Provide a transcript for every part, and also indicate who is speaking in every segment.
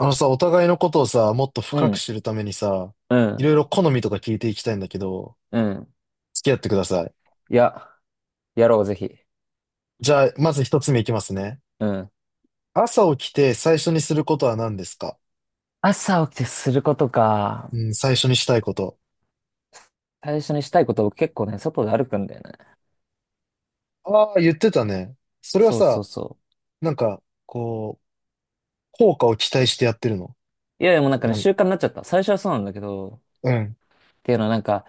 Speaker 1: あのさ、お互いのことをさ、もっと
Speaker 2: う
Speaker 1: 深く
Speaker 2: ん、
Speaker 1: 知るためにさ、
Speaker 2: う
Speaker 1: い
Speaker 2: ん、
Speaker 1: ろいろ好みとか聞いていきたいんだけど、
Speaker 2: うん。
Speaker 1: 付き合ってください。
Speaker 2: いや、やろう、ぜひ。
Speaker 1: じゃあ、まず一つ目いきますね。
Speaker 2: うん。
Speaker 1: 朝起きて最初にすることは何ですか？
Speaker 2: 朝起きてすることか。
Speaker 1: うん、最初にしたいこと。
Speaker 2: 最初にしたいことを結構ね、外で歩くんだよね。
Speaker 1: ああ、言ってたね。それは
Speaker 2: そうそう
Speaker 1: さ、
Speaker 2: そ
Speaker 1: なんか、こう、効果を期待してやってるの？
Speaker 2: う。いや、でも
Speaker 1: なん、
Speaker 2: 習慣になっちゃった。最初はそうなんだけど、
Speaker 1: うん。
Speaker 2: っていうのは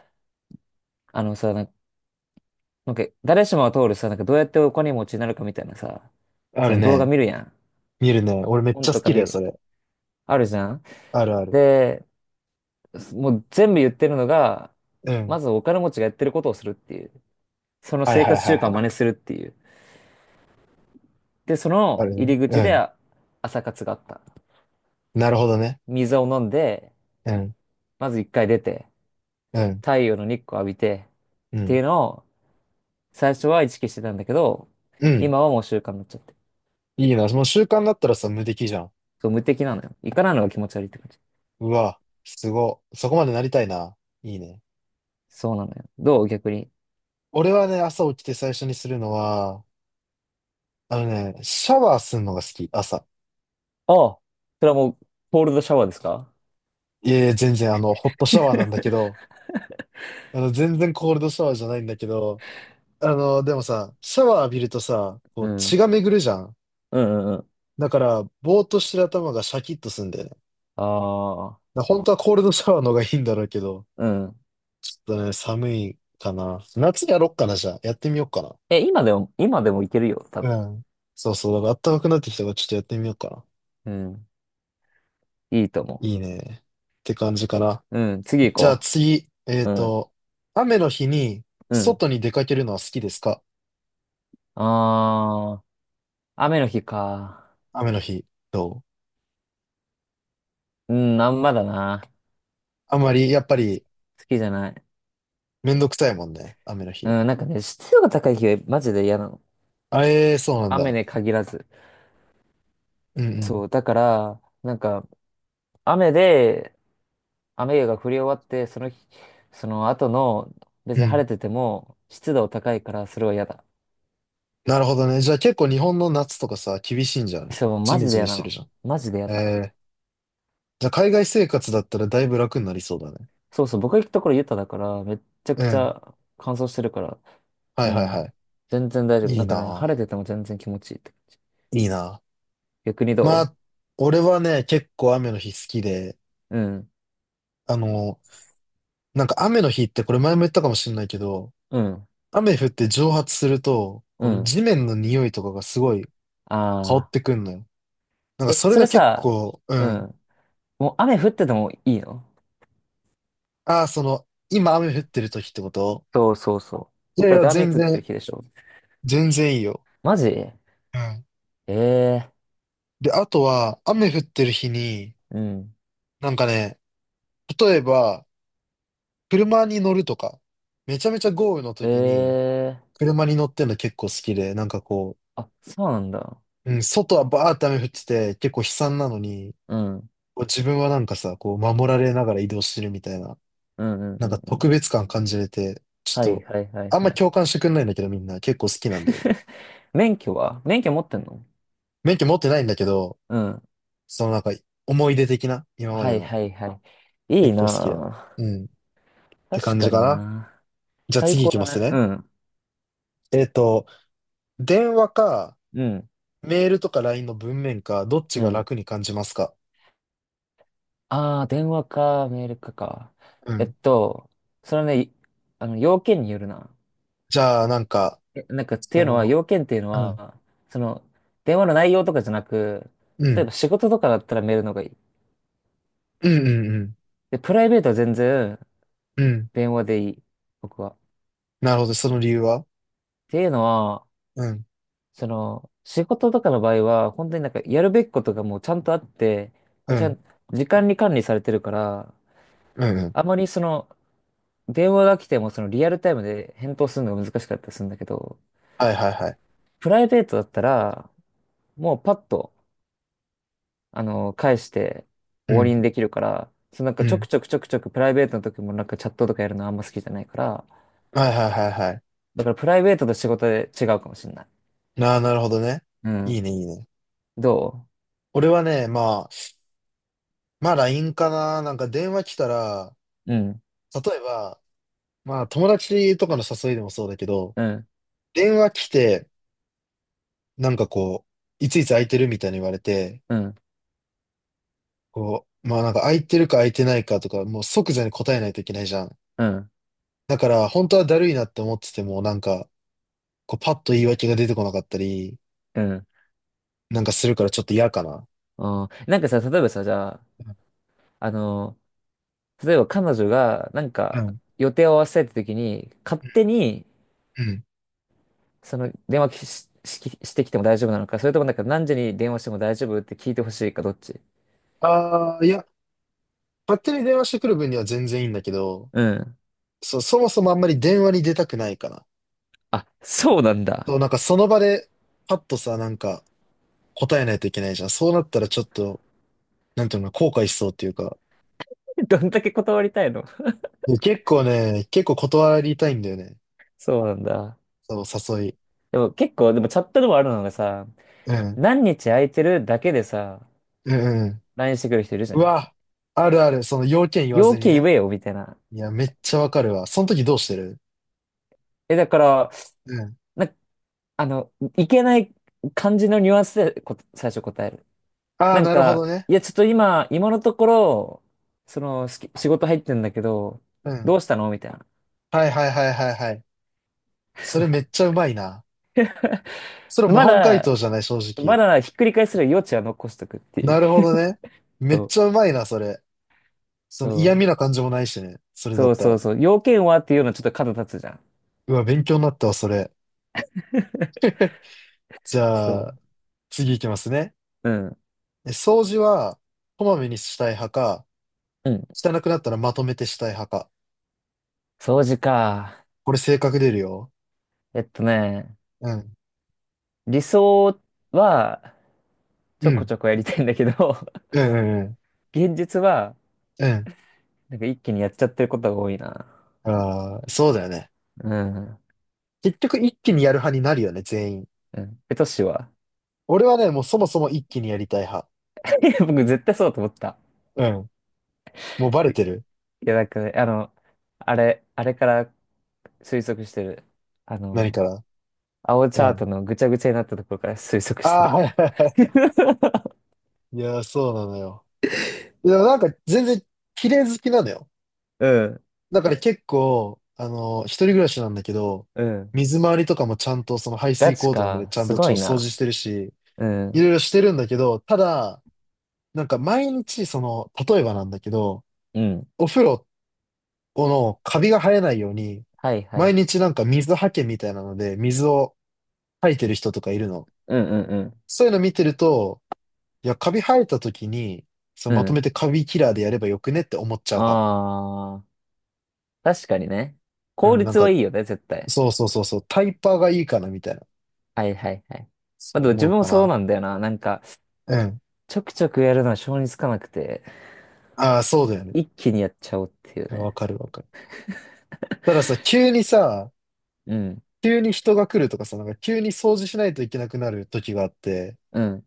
Speaker 2: あのさ、なんか、誰しもが通るさ、どうやってお金持ちになるかみたいなさ、
Speaker 1: あ
Speaker 2: そ
Speaker 1: る
Speaker 2: の動画
Speaker 1: ね。
Speaker 2: 見るやん。
Speaker 1: 見るね。俺めっ
Speaker 2: 本
Speaker 1: ちゃ好
Speaker 2: とか
Speaker 1: きだ
Speaker 2: 見
Speaker 1: よ、
Speaker 2: る
Speaker 1: そ
Speaker 2: やん。
Speaker 1: れ。
Speaker 2: あるじゃん。
Speaker 1: あるある。
Speaker 2: で、もう全部言ってるのが、
Speaker 1: うん。
Speaker 2: まずお金持ちがやってることをするっていう。その
Speaker 1: はい
Speaker 2: 生
Speaker 1: はい
Speaker 2: 活
Speaker 1: は
Speaker 2: 習
Speaker 1: い
Speaker 2: 慣
Speaker 1: は
Speaker 2: を
Speaker 1: い。
Speaker 2: 真似するっていう。で、そ
Speaker 1: あ
Speaker 2: の
Speaker 1: るね。
Speaker 2: 入り
Speaker 1: う
Speaker 2: 口で
Speaker 1: ん。
Speaker 2: あ朝活があった。
Speaker 1: なるほどね。
Speaker 2: 水を飲んで、
Speaker 1: うん。
Speaker 2: まず一回出て、
Speaker 1: うん。
Speaker 2: 太陽の日光浴びて、
Speaker 1: う
Speaker 2: ってい
Speaker 1: ん。
Speaker 2: うのを最初は意識してたんだけど、
Speaker 1: うん。
Speaker 2: 今はもう習慣になっちゃって。
Speaker 1: いいな。もう習慣になったらさ、無敵じゃん。
Speaker 2: そう、無敵なのよ。行かないのが気持ち悪いって感じ。
Speaker 1: うわ、すご。そこまでなりたいな。いいね。
Speaker 2: そうなのよ。どう逆に。
Speaker 1: 俺はね、朝起きて最初にするのは、あのね、シャワーするのが好き、朝。
Speaker 2: ああ、それはもう、コールドシャワーですか？
Speaker 1: いやいや、全然、あの、ホットシャワーなんだけど、あの、全然コールドシャワーじゃないんだけど、あの、でもさ、シャワー浴びるとさ、こ
Speaker 2: う
Speaker 1: う、
Speaker 2: ん。う
Speaker 1: 血が
Speaker 2: ん
Speaker 1: 巡るじゃん。
Speaker 2: うんうん。
Speaker 1: だから、ぼーっとしてる頭がシャキッとすんだよね。だか
Speaker 2: ああ、
Speaker 1: ら本当はコールドシャワーの方がいいんだろうけど、
Speaker 2: うん。
Speaker 1: ちょっとね、寒いかな。夏やろっかな、じゃあ。やってみようかな。
Speaker 2: え、今でも、今でもいけるよ、多
Speaker 1: う
Speaker 2: 分。
Speaker 1: ん。そうそう。だから暖かくなってきたからちょっとやってみようかな。
Speaker 2: うん。いいと思
Speaker 1: いいね。って感じかな。
Speaker 2: う。うん。次
Speaker 1: じゃ
Speaker 2: 行
Speaker 1: あ
Speaker 2: こ
Speaker 1: 次、
Speaker 2: う。うん。
Speaker 1: 雨の日に
Speaker 2: うん。
Speaker 1: 外に出かけるのは好きですか？
Speaker 2: ああ。雨の日か。
Speaker 1: 雨の日、どう？
Speaker 2: うん、あんまだな。
Speaker 1: あんまり、やっぱり、
Speaker 2: 好きじゃない。
Speaker 1: めんどくさいもんね。雨の日。
Speaker 2: うん、なんかね、湿度が高い日はマジで嫌なの。
Speaker 1: あ、ええそうなん
Speaker 2: 雨
Speaker 1: だ。
Speaker 2: で限らず。
Speaker 1: うんう
Speaker 2: そう、だから、雨で、雨が降り終わって、その日、その後の、別
Speaker 1: ん。う
Speaker 2: に晴
Speaker 1: ん。
Speaker 2: れてても、湿度高いから、それは嫌だ。
Speaker 1: なるほどね。じゃあ結構日本の夏とかさ、厳しいんじゃない？
Speaker 2: そう、
Speaker 1: ジ
Speaker 2: マ
Speaker 1: メ
Speaker 2: ジで
Speaker 1: ジメ
Speaker 2: 嫌
Speaker 1: し
Speaker 2: な
Speaker 1: てる
Speaker 2: の。
Speaker 1: じゃん。
Speaker 2: マジで嫌
Speaker 1: え
Speaker 2: だ。
Speaker 1: え、じゃあ海外生活だったらだいぶ楽になりそうだね。
Speaker 2: そうそう、僕が行くところユタだから、めっちゃ
Speaker 1: う
Speaker 2: くち
Speaker 1: ん。
Speaker 2: ゃ乾燥してるから、
Speaker 1: はい
Speaker 2: う
Speaker 1: はいは
Speaker 2: ん、
Speaker 1: い。
Speaker 2: 全然大丈夫。
Speaker 1: い
Speaker 2: な
Speaker 1: い
Speaker 2: んかね、晴
Speaker 1: な
Speaker 2: れてても全然気持ちいいって感じ。
Speaker 1: ぁ。いいなぁ。
Speaker 2: 逆に
Speaker 1: ま
Speaker 2: ど
Speaker 1: あ、俺はね、結構雨の日好きで、
Speaker 2: う。うん、
Speaker 1: あの、なんか雨の日ってこれ前も言ったかもしれないけど、
Speaker 2: うん。
Speaker 1: 雨降って蒸発すると、
Speaker 2: う
Speaker 1: この
Speaker 2: ん。
Speaker 1: 地面の匂いとかがすごい香っ
Speaker 2: ああ。
Speaker 1: てくんのよ。なんか
Speaker 2: え、
Speaker 1: それ
Speaker 2: そ
Speaker 1: が
Speaker 2: れ
Speaker 1: 結
Speaker 2: さ、
Speaker 1: 構、う
Speaker 2: う
Speaker 1: ん。
Speaker 2: ん。もう雨降っててもいいの？
Speaker 1: ああ、その、今雨降ってる時ってこと？
Speaker 2: そうそうそ
Speaker 1: いや
Speaker 2: う。
Speaker 1: い
Speaker 2: だっ
Speaker 1: や、
Speaker 2: て雨
Speaker 1: 全
Speaker 2: 降ってる
Speaker 1: 然、
Speaker 2: 日でしょ。
Speaker 1: 全然いいよ。
Speaker 2: マジえ、
Speaker 1: うん。
Speaker 2: え
Speaker 1: で、あとは、雨降ってる日に、
Speaker 2: ー、うん。
Speaker 1: なんかね、例えば、車に乗るとか、めちゃめちゃ豪雨の
Speaker 2: え
Speaker 1: 時に、
Speaker 2: えー。
Speaker 1: 車に乗ってんの結構好きで、なんかこう、
Speaker 2: あ、そうなんだ。
Speaker 1: うん、外はバーって雨降ってて、結構悲惨なのに、
Speaker 2: うん。
Speaker 1: こう自分はなんかさ、こう守られながら移動してるみたいな、
Speaker 2: うんうん
Speaker 1: な
Speaker 2: う
Speaker 1: んか
Speaker 2: んう
Speaker 1: 特
Speaker 2: ん。
Speaker 1: 別感感じれて、ち
Speaker 2: は
Speaker 1: ょっ
Speaker 2: い
Speaker 1: と、
Speaker 2: はいはい
Speaker 1: あん
Speaker 2: は
Speaker 1: ま
Speaker 2: い。
Speaker 1: 共感してくんないんだけどみんな結構好きなんだよね。
Speaker 2: 免許は免許持ってんの？
Speaker 1: 免許持ってないんだけど、
Speaker 2: うん。
Speaker 1: そのなんか思い出的な、今ま
Speaker 2: は
Speaker 1: で
Speaker 2: い
Speaker 1: の。
Speaker 2: はいはい。いい
Speaker 1: 結構好きだよ。
Speaker 2: な
Speaker 1: うん。っ
Speaker 2: ぁ。
Speaker 1: て
Speaker 2: 確
Speaker 1: 感
Speaker 2: か
Speaker 1: じか
Speaker 2: に
Speaker 1: な。
Speaker 2: な
Speaker 1: じゃあ
Speaker 2: ぁ。
Speaker 1: 次
Speaker 2: こ
Speaker 1: 行
Speaker 2: こ
Speaker 1: き
Speaker 2: だ
Speaker 1: ます
Speaker 2: ね。
Speaker 1: ね。
Speaker 2: うん。
Speaker 1: えっと、電話か、
Speaker 2: うん。
Speaker 1: メールとか LINE の文面か、どっち
Speaker 2: う
Speaker 1: が
Speaker 2: ん。
Speaker 1: 楽に感じますか？
Speaker 2: ああ、電話か、メールかか。
Speaker 1: う
Speaker 2: えっ
Speaker 1: ん。
Speaker 2: と、それね、いあの、要件によるな。
Speaker 1: じゃあなんか、
Speaker 2: ってい
Speaker 1: そ
Speaker 2: うのは、
Speaker 1: の、
Speaker 2: 要件っていうの
Speaker 1: うん。
Speaker 2: は、その、電話の内容とかじゃなく、
Speaker 1: う
Speaker 2: 例え
Speaker 1: ん。
Speaker 2: ば仕事とかだったらメールの方がいい。
Speaker 1: うんうんうん。
Speaker 2: で、プライベートは全然
Speaker 1: うん、
Speaker 2: 電話でいい。僕は。っ
Speaker 1: なるほど、その理由は？
Speaker 2: ていうのは、
Speaker 1: うん、
Speaker 2: その、仕事とかの場合は、本当にやるべきことがもうちゃんとあって、も
Speaker 1: う
Speaker 2: うちゃ
Speaker 1: ん、
Speaker 2: ん、時間に管理されてるから、
Speaker 1: うん、うん。
Speaker 2: あまりその、電話が来てもそのリアルタイムで返答するのが難しかったりするんだけど、
Speaker 1: はいはいはい。
Speaker 2: プライベートだったら、もうパッと、あの、返して
Speaker 1: う
Speaker 2: 終わ
Speaker 1: ん、
Speaker 2: りにできるから、そう
Speaker 1: う
Speaker 2: ちょく
Speaker 1: ん。
Speaker 2: ちょくちょくちょくプライベートの時もチャットとかやるのあんま好きじゃないから、
Speaker 1: はいはいはいはい。
Speaker 2: だからプライベートと仕事で違うかもしれない。
Speaker 1: なあ、なるほどね。
Speaker 2: う
Speaker 1: いい
Speaker 2: ん。
Speaker 1: ね、いいね。
Speaker 2: ど
Speaker 1: 俺はね、まあ、まあ LINE かな。なんか電話来たら、
Speaker 2: う。うん、
Speaker 1: 例えば、まあ友達とかの誘いでもそうだけど、
Speaker 2: うん、
Speaker 1: 電話来て、なんかこう、いついつ空いてるみたいに言われて、
Speaker 2: うん、
Speaker 1: こう、まあなんか空いてるか空いてないかとか、もう即座に答えないといけないじゃん。
Speaker 2: うん、
Speaker 1: だから、本当はだるいなって思ってても、なんか、こうパッと言い訳が出てこなかったり、
Speaker 2: うん。
Speaker 1: なんかするからちょっと嫌かな。
Speaker 2: あーなんかさ、例えばさ、じゃあ、あの、例えば彼女が
Speaker 1: うん。
Speaker 2: 予定を合わせたいって時に、勝手に
Speaker 1: うん。
Speaker 2: その電話し、し、してきても大丈夫なのか、それとも何時に電話しても大丈夫って聞いてほしいか、どっち？
Speaker 1: ああ、いや、勝手に電話してくる分には全然いいんだけど、
Speaker 2: うん。
Speaker 1: そう、そもそもあんまり電話に出たくないかな。
Speaker 2: あ、そうなんだ。
Speaker 1: そう、なんかその場で、パッとさ、なんか答えないといけないじゃん。そうなったらちょっと、なんていうの、後悔しそうっていうか。
Speaker 2: どんだけ断りたいの？
Speaker 1: で結構ね、結構断りたいんだよね。
Speaker 2: そうなんだ。
Speaker 1: そう、誘い。
Speaker 2: でも結構、でもチャットでもあるのがさ、
Speaker 1: うん。
Speaker 2: 何日空いてるだけでさ、
Speaker 1: うんうん。
Speaker 2: LINE してくる人いるじゃ
Speaker 1: う
Speaker 2: ん。
Speaker 1: わ、あるある。その要件言わ
Speaker 2: 要
Speaker 1: ずに
Speaker 2: 件言
Speaker 1: ね。
Speaker 2: えよ、みたいな。
Speaker 1: いや、めっちゃわかるわ。その時どうしてる？
Speaker 2: え、だから、
Speaker 1: うん。
Speaker 2: な、あの、いけない感じのニュアンスで最初答える。
Speaker 1: ああ、
Speaker 2: なん
Speaker 1: なるほ
Speaker 2: か、
Speaker 1: どね。
Speaker 2: いや、ちょっと今、今のところ、その、仕事入ってんだけど、
Speaker 1: うん。
Speaker 2: どうしたのみたいな。
Speaker 1: はいはいはいはいはい。そ
Speaker 2: そう。
Speaker 1: れめっちゃうまいな。それ模
Speaker 2: ま
Speaker 1: 範解答
Speaker 2: だ、
Speaker 1: じゃない、正
Speaker 2: ま
Speaker 1: 直。
Speaker 2: だひっくり返せる余地は残しとくっていう。
Speaker 1: なるほどね。めっ
Speaker 2: そ
Speaker 1: ちゃう
Speaker 2: う。
Speaker 1: まいな、それ。その嫌味な感じもないしね。それだ
Speaker 2: そ
Speaker 1: っ
Speaker 2: う
Speaker 1: た
Speaker 2: そう
Speaker 1: ら。
Speaker 2: そうそう。要件はっていうのはちょっと角立つじゃん。
Speaker 1: うわ、勉強になったわ、それ。じゃ
Speaker 2: そ
Speaker 1: あ、次いきますね。
Speaker 2: う。うん。う。
Speaker 1: え、掃除は、こまめにしたい派か、
Speaker 2: ん。
Speaker 1: 汚くなったらまとめてしたい派か。
Speaker 2: 掃除か。
Speaker 1: これ性格出るよ。
Speaker 2: えっとね、
Speaker 1: うん。
Speaker 2: 理想はちょ
Speaker 1: う
Speaker 2: こ
Speaker 1: ん。
Speaker 2: ちょこやりたいんだけど、
Speaker 1: うんうん
Speaker 2: 現実は
Speaker 1: うん。うん。
Speaker 2: 一気にやっちゃってることが多いな。
Speaker 1: ああ、そうだよね。
Speaker 2: うん。
Speaker 1: 結局一気にやる派になるよね、全員。
Speaker 2: うん。え、トシは？
Speaker 1: 俺はね、もうそもそも一気にやりたい派。
Speaker 2: いや僕絶対そうだと思った。
Speaker 1: うん。もうバレてる？
Speaker 2: いや、なんかね、あの、あれから推測してる。あ
Speaker 1: 何
Speaker 2: の、
Speaker 1: から。
Speaker 2: 青チ
Speaker 1: う
Speaker 2: ャー
Speaker 1: ん、
Speaker 2: トのぐちゃぐちゃになったところから推測
Speaker 1: あ
Speaker 2: して
Speaker 1: あ、
Speaker 2: る。
Speaker 1: はいはいは い。いやー、そうなのよ。いや、なんか全然綺麗好きなのよ。
Speaker 2: うん。
Speaker 1: だから結構、あの、一人暮らしなんだけど、
Speaker 2: うん。
Speaker 1: 水回りとかもちゃんとその排
Speaker 2: ガ
Speaker 1: 水
Speaker 2: チ
Speaker 1: 口とかまで
Speaker 2: か。
Speaker 1: ちゃん
Speaker 2: す
Speaker 1: と
Speaker 2: ごい
Speaker 1: 掃除
Speaker 2: な。
Speaker 1: してるし、
Speaker 2: う
Speaker 1: いろ
Speaker 2: ん。
Speaker 1: いろしてるんだけど、ただ、なんか毎日その、例えばなんだけど、
Speaker 2: うん。
Speaker 1: お風呂のカビが生えないように、
Speaker 2: はいはいは
Speaker 1: 毎
Speaker 2: い。
Speaker 1: 日なんか水はけみたいなので、水を吐いてる人とかいるの。
Speaker 2: うんうん
Speaker 1: そういうの見てると、いや、カビ生えた時に、そう、
Speaker 2: う
Speaker 1: ま
Speaker 2: ん。う
Speaker 1: とめ
Speaker 2: ん。
Speaker 1: てカビキラーでやればよくねって思っちゃう派。
Speaker 2: ああ、確かにね。
Speaker 1: う
Speaker 2: 効
Speaker 1: ん、なん
Speaker 2: 率
Speaker 1: か、
Speaker 2: はいいよね、絶対。
Speaker 1: そうそうそうそう、タイパーがいいかなみたいな。
Speaker 2: はいはいはい。ま
Speaker 1: そ
Speaker 2: あ
Speaker 1: う
Speaker 2: でも
Speaker 1: 思
Speaker 2: 自
Speaker 1: う
Speaker 2: 分も
Speaker 1: か
Speaker 2: そう
Speaker 1: な。
Speaker 2: なんだよな。なんか、
Speaker 1: うん。
Speaker 2: ちょくちょくやるのは性につかなくて、
Speaker 1: ああ、そうだよね。
Speaker 2: 一気にやっちゃおうっていう
Speaker 1: いやわ
Speaker 2: ね。
Speaker 1: かるわかる。たださ、急にさ、
Speaker 2: うん。
Speaker 1: 急に人が来るとかさ、なんか急に掃除しないといけなくなる時があって、
Speaker 2: うん。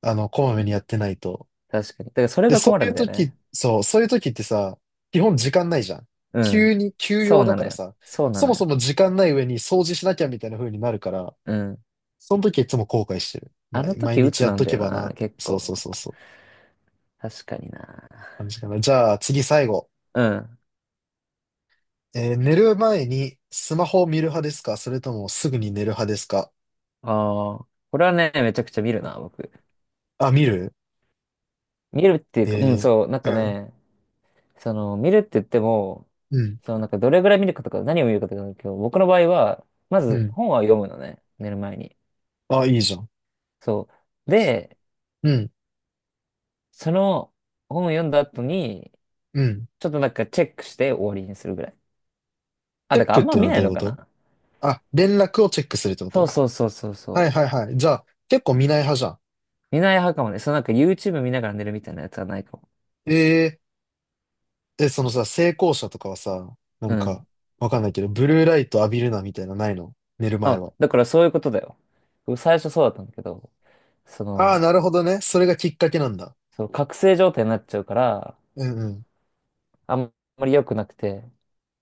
Speaker 1: あの、こまめにやってないと。
Speaker 2: 確かに。だからそれ
Speaker 1: で、
Speaker 2: が
Speaker 1: そ
Speaker 2: 困
Speaker 1: う
Speaker 2: る
Speaker 1: い
Speaker 2: ん
Speaker 1: う
Speaker 2: だよ
Speaker 1: 時、
Speaker 2: ね。
Speaker 1: そう、そういう時ってさ、基本時間ないじゃん。
Speaker 2: う
Speaker 1: 急
Speaker 2: ん。
Speaker 1: に、急
Speaker 2: そ
Speaker 1: 用
Speaker 2: う
Speaker 1: だ
Speaker 2: な
Speaker 1: か
Speaker 2: の
Speaker 1: ら
Speaker 2: よ。
Speaker 1: さ、
Speaker 2: そうな
Speaker 1: そ
Speaker 2: の
Speaker 1: もそ
Speaker 2: よ。
Speaker 1: も時間ない上に掃除しなきゃみたいな風になるから、
Speaker 2: うん。
Speaker 1: その時はいつも後悔してる。
Speaker 2: あの
Speaker 1: 毎毎
Speaker 2: 時
Speaker 1: 日
Speaker 2: 鬱
Speaker 1: やっ
Speaker 2: なん
Speaker 1: と
Speaker 2: だ
Speaker 1: け
Speaker 2: よ
Speaker 1: ばな
Speaker 2: な、
Speaker 1: って。
Speaker 2: 結
Speaker 1: そうそう
Speaker 2: 構。
Speaker 1: そうそう。
Speaker 2: 確かにな。
Speaker 1: 感じかな。じゃあ次最後。
Speaker 2: うん。
Speaker 1: えー、寝る前にスマホを見る派ですか、それともすぐに寝る派ですか？
Speaker 2: ああ、これはね、めちゃくちゃ見るな、僕。
Speaker 1: あ、見る？
Speaker 2: 見るっていうか、うん、
Speaker 1: え
Speaker 2: そう、なんか
Speaker 1: ー、うん、
Speaker 2: ね、その、見るって言っても、
Speaker 1: うん、
Speaker 2: そのなんかどれぐらい見るかとか何を見るかとかだけど、僕の場合は、ま
Speaker 1: う
Speaker 2: ず
Speaker 1: ん。
Speaker 2: 本は読むのね、寝る前に。
Speaker 1: あ、いいじゃん。
Speaker 2: そう。で、
Speaker 1: うん、
Speaker 2: その本を読んだ後に、
Speaker 1: うん。
Speaker 2: ちょっとなんかチェックして終わりにするぐらい。あ、
Speaker 1: チェ
Speaker 2: だ
Speaker 1: ッ
Speaker 2: から
Speaker 1: ク
Speaker 2: あ
Speaker 1: っ
Speaker 2: んま
Speaker 1: ていうの
Speaker 2: 見
Speaker 1: は
Speaker 2: な
Speaker 1: ど
Speaker 2: い
Speaker 1: ういう
Speaker 2: の
Speaker 1: こ
Speaker 2: か
Speaker 1: と？
Speaker 2: な。
Speaker 1: あ、連絡をチェックするってこ
Speaker 2: そう
Speaker 1: と？
Speaker 2: そうそうそうそ
Speaker 1: はい
Speaker 2: う。
Speaker 1: はいはい。じゃあ結構見ない派じゃん。
Speaker 2: 見ない派かもね。そのなんか YouTube 見ながら寝るみたいなやつはないかも。
Speaker 1: えー、え、そのさ、成功者とかはさ、な
Speaker 2: う
Speaker 1: ん
Speaker 2: ん。
Speaker 1: か、わかんないけど、ブルーライト浴びるなみたいなのないの？寝る前
Speaker 2: あ、
Speaker 1: は。
Speaker 2: だからそういうことだよ。僕最初そうだったんだけど、そ
Speaker 1: ああ、
Speaker 2: の、
Speaker 1: なるほどね。それがきっかけなんだ。
Speaker 2: そう、覚醒状態になっちゃうから、
Speaker 1: うんうん。
Speaker 2: あんまり良くなくて。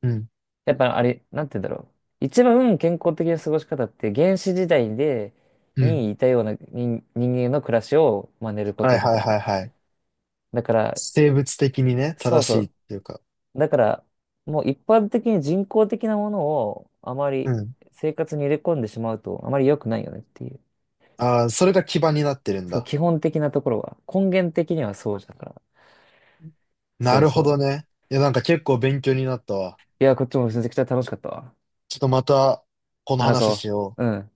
Speaker 1: うん。
Speaker 2: やっぱあれ、なんて言うんだろう。一番健康的な過ごし方って原始時代で、
Speaker 1: うん。
Speaker 2: にいたような人、人間の暮らしを真似るこ
Speaker 1: はい
Speaker 2: とみ
Speaker 1: は
Speaker 2: た
Speaker 1: い
Speaker 2: いな。
Speaker 1: はいはい。
Speaker 2: だから、
Speaker 1: 生物的にね、
Speaker 2: そう
Speaker 1: 正
Speaker 2: そ
Speaker 1: しいっ
Speaker 2: う。
Speaker 1: ていうか。
Speaker 2: だから、もう一般的に人工的なものをあま
Speaker 1: う
Speaker 2: り
Speaker 1: ん。
Speaker 2: 生活に入れ込んでしまうとあまり良くないよねっていう。
Speaker 1: ああ、それが基盤になってるん
Speaker 2: そう、
Speaker 1: だ。
Speaker 2: 基本的なところは。根源的にはそうだから。
Speaker 1: な
Speaker 2: そう
Speaker 1: るほど
Speaker 2: そ
Speaker 1: ね。いや、なんか結構勉強になったわ。
Speaker 2: う。いや、こっちもめちゃくちゃ楽しかったわ。
Speaker 1: ちょっとまた、この
Speaker 2: 話
Speaker 1: 話
Speaker 2: そ
Speaker 1: しよ
Speaker 2: う。う
Speaker 1: う。
Speaker 2: ん。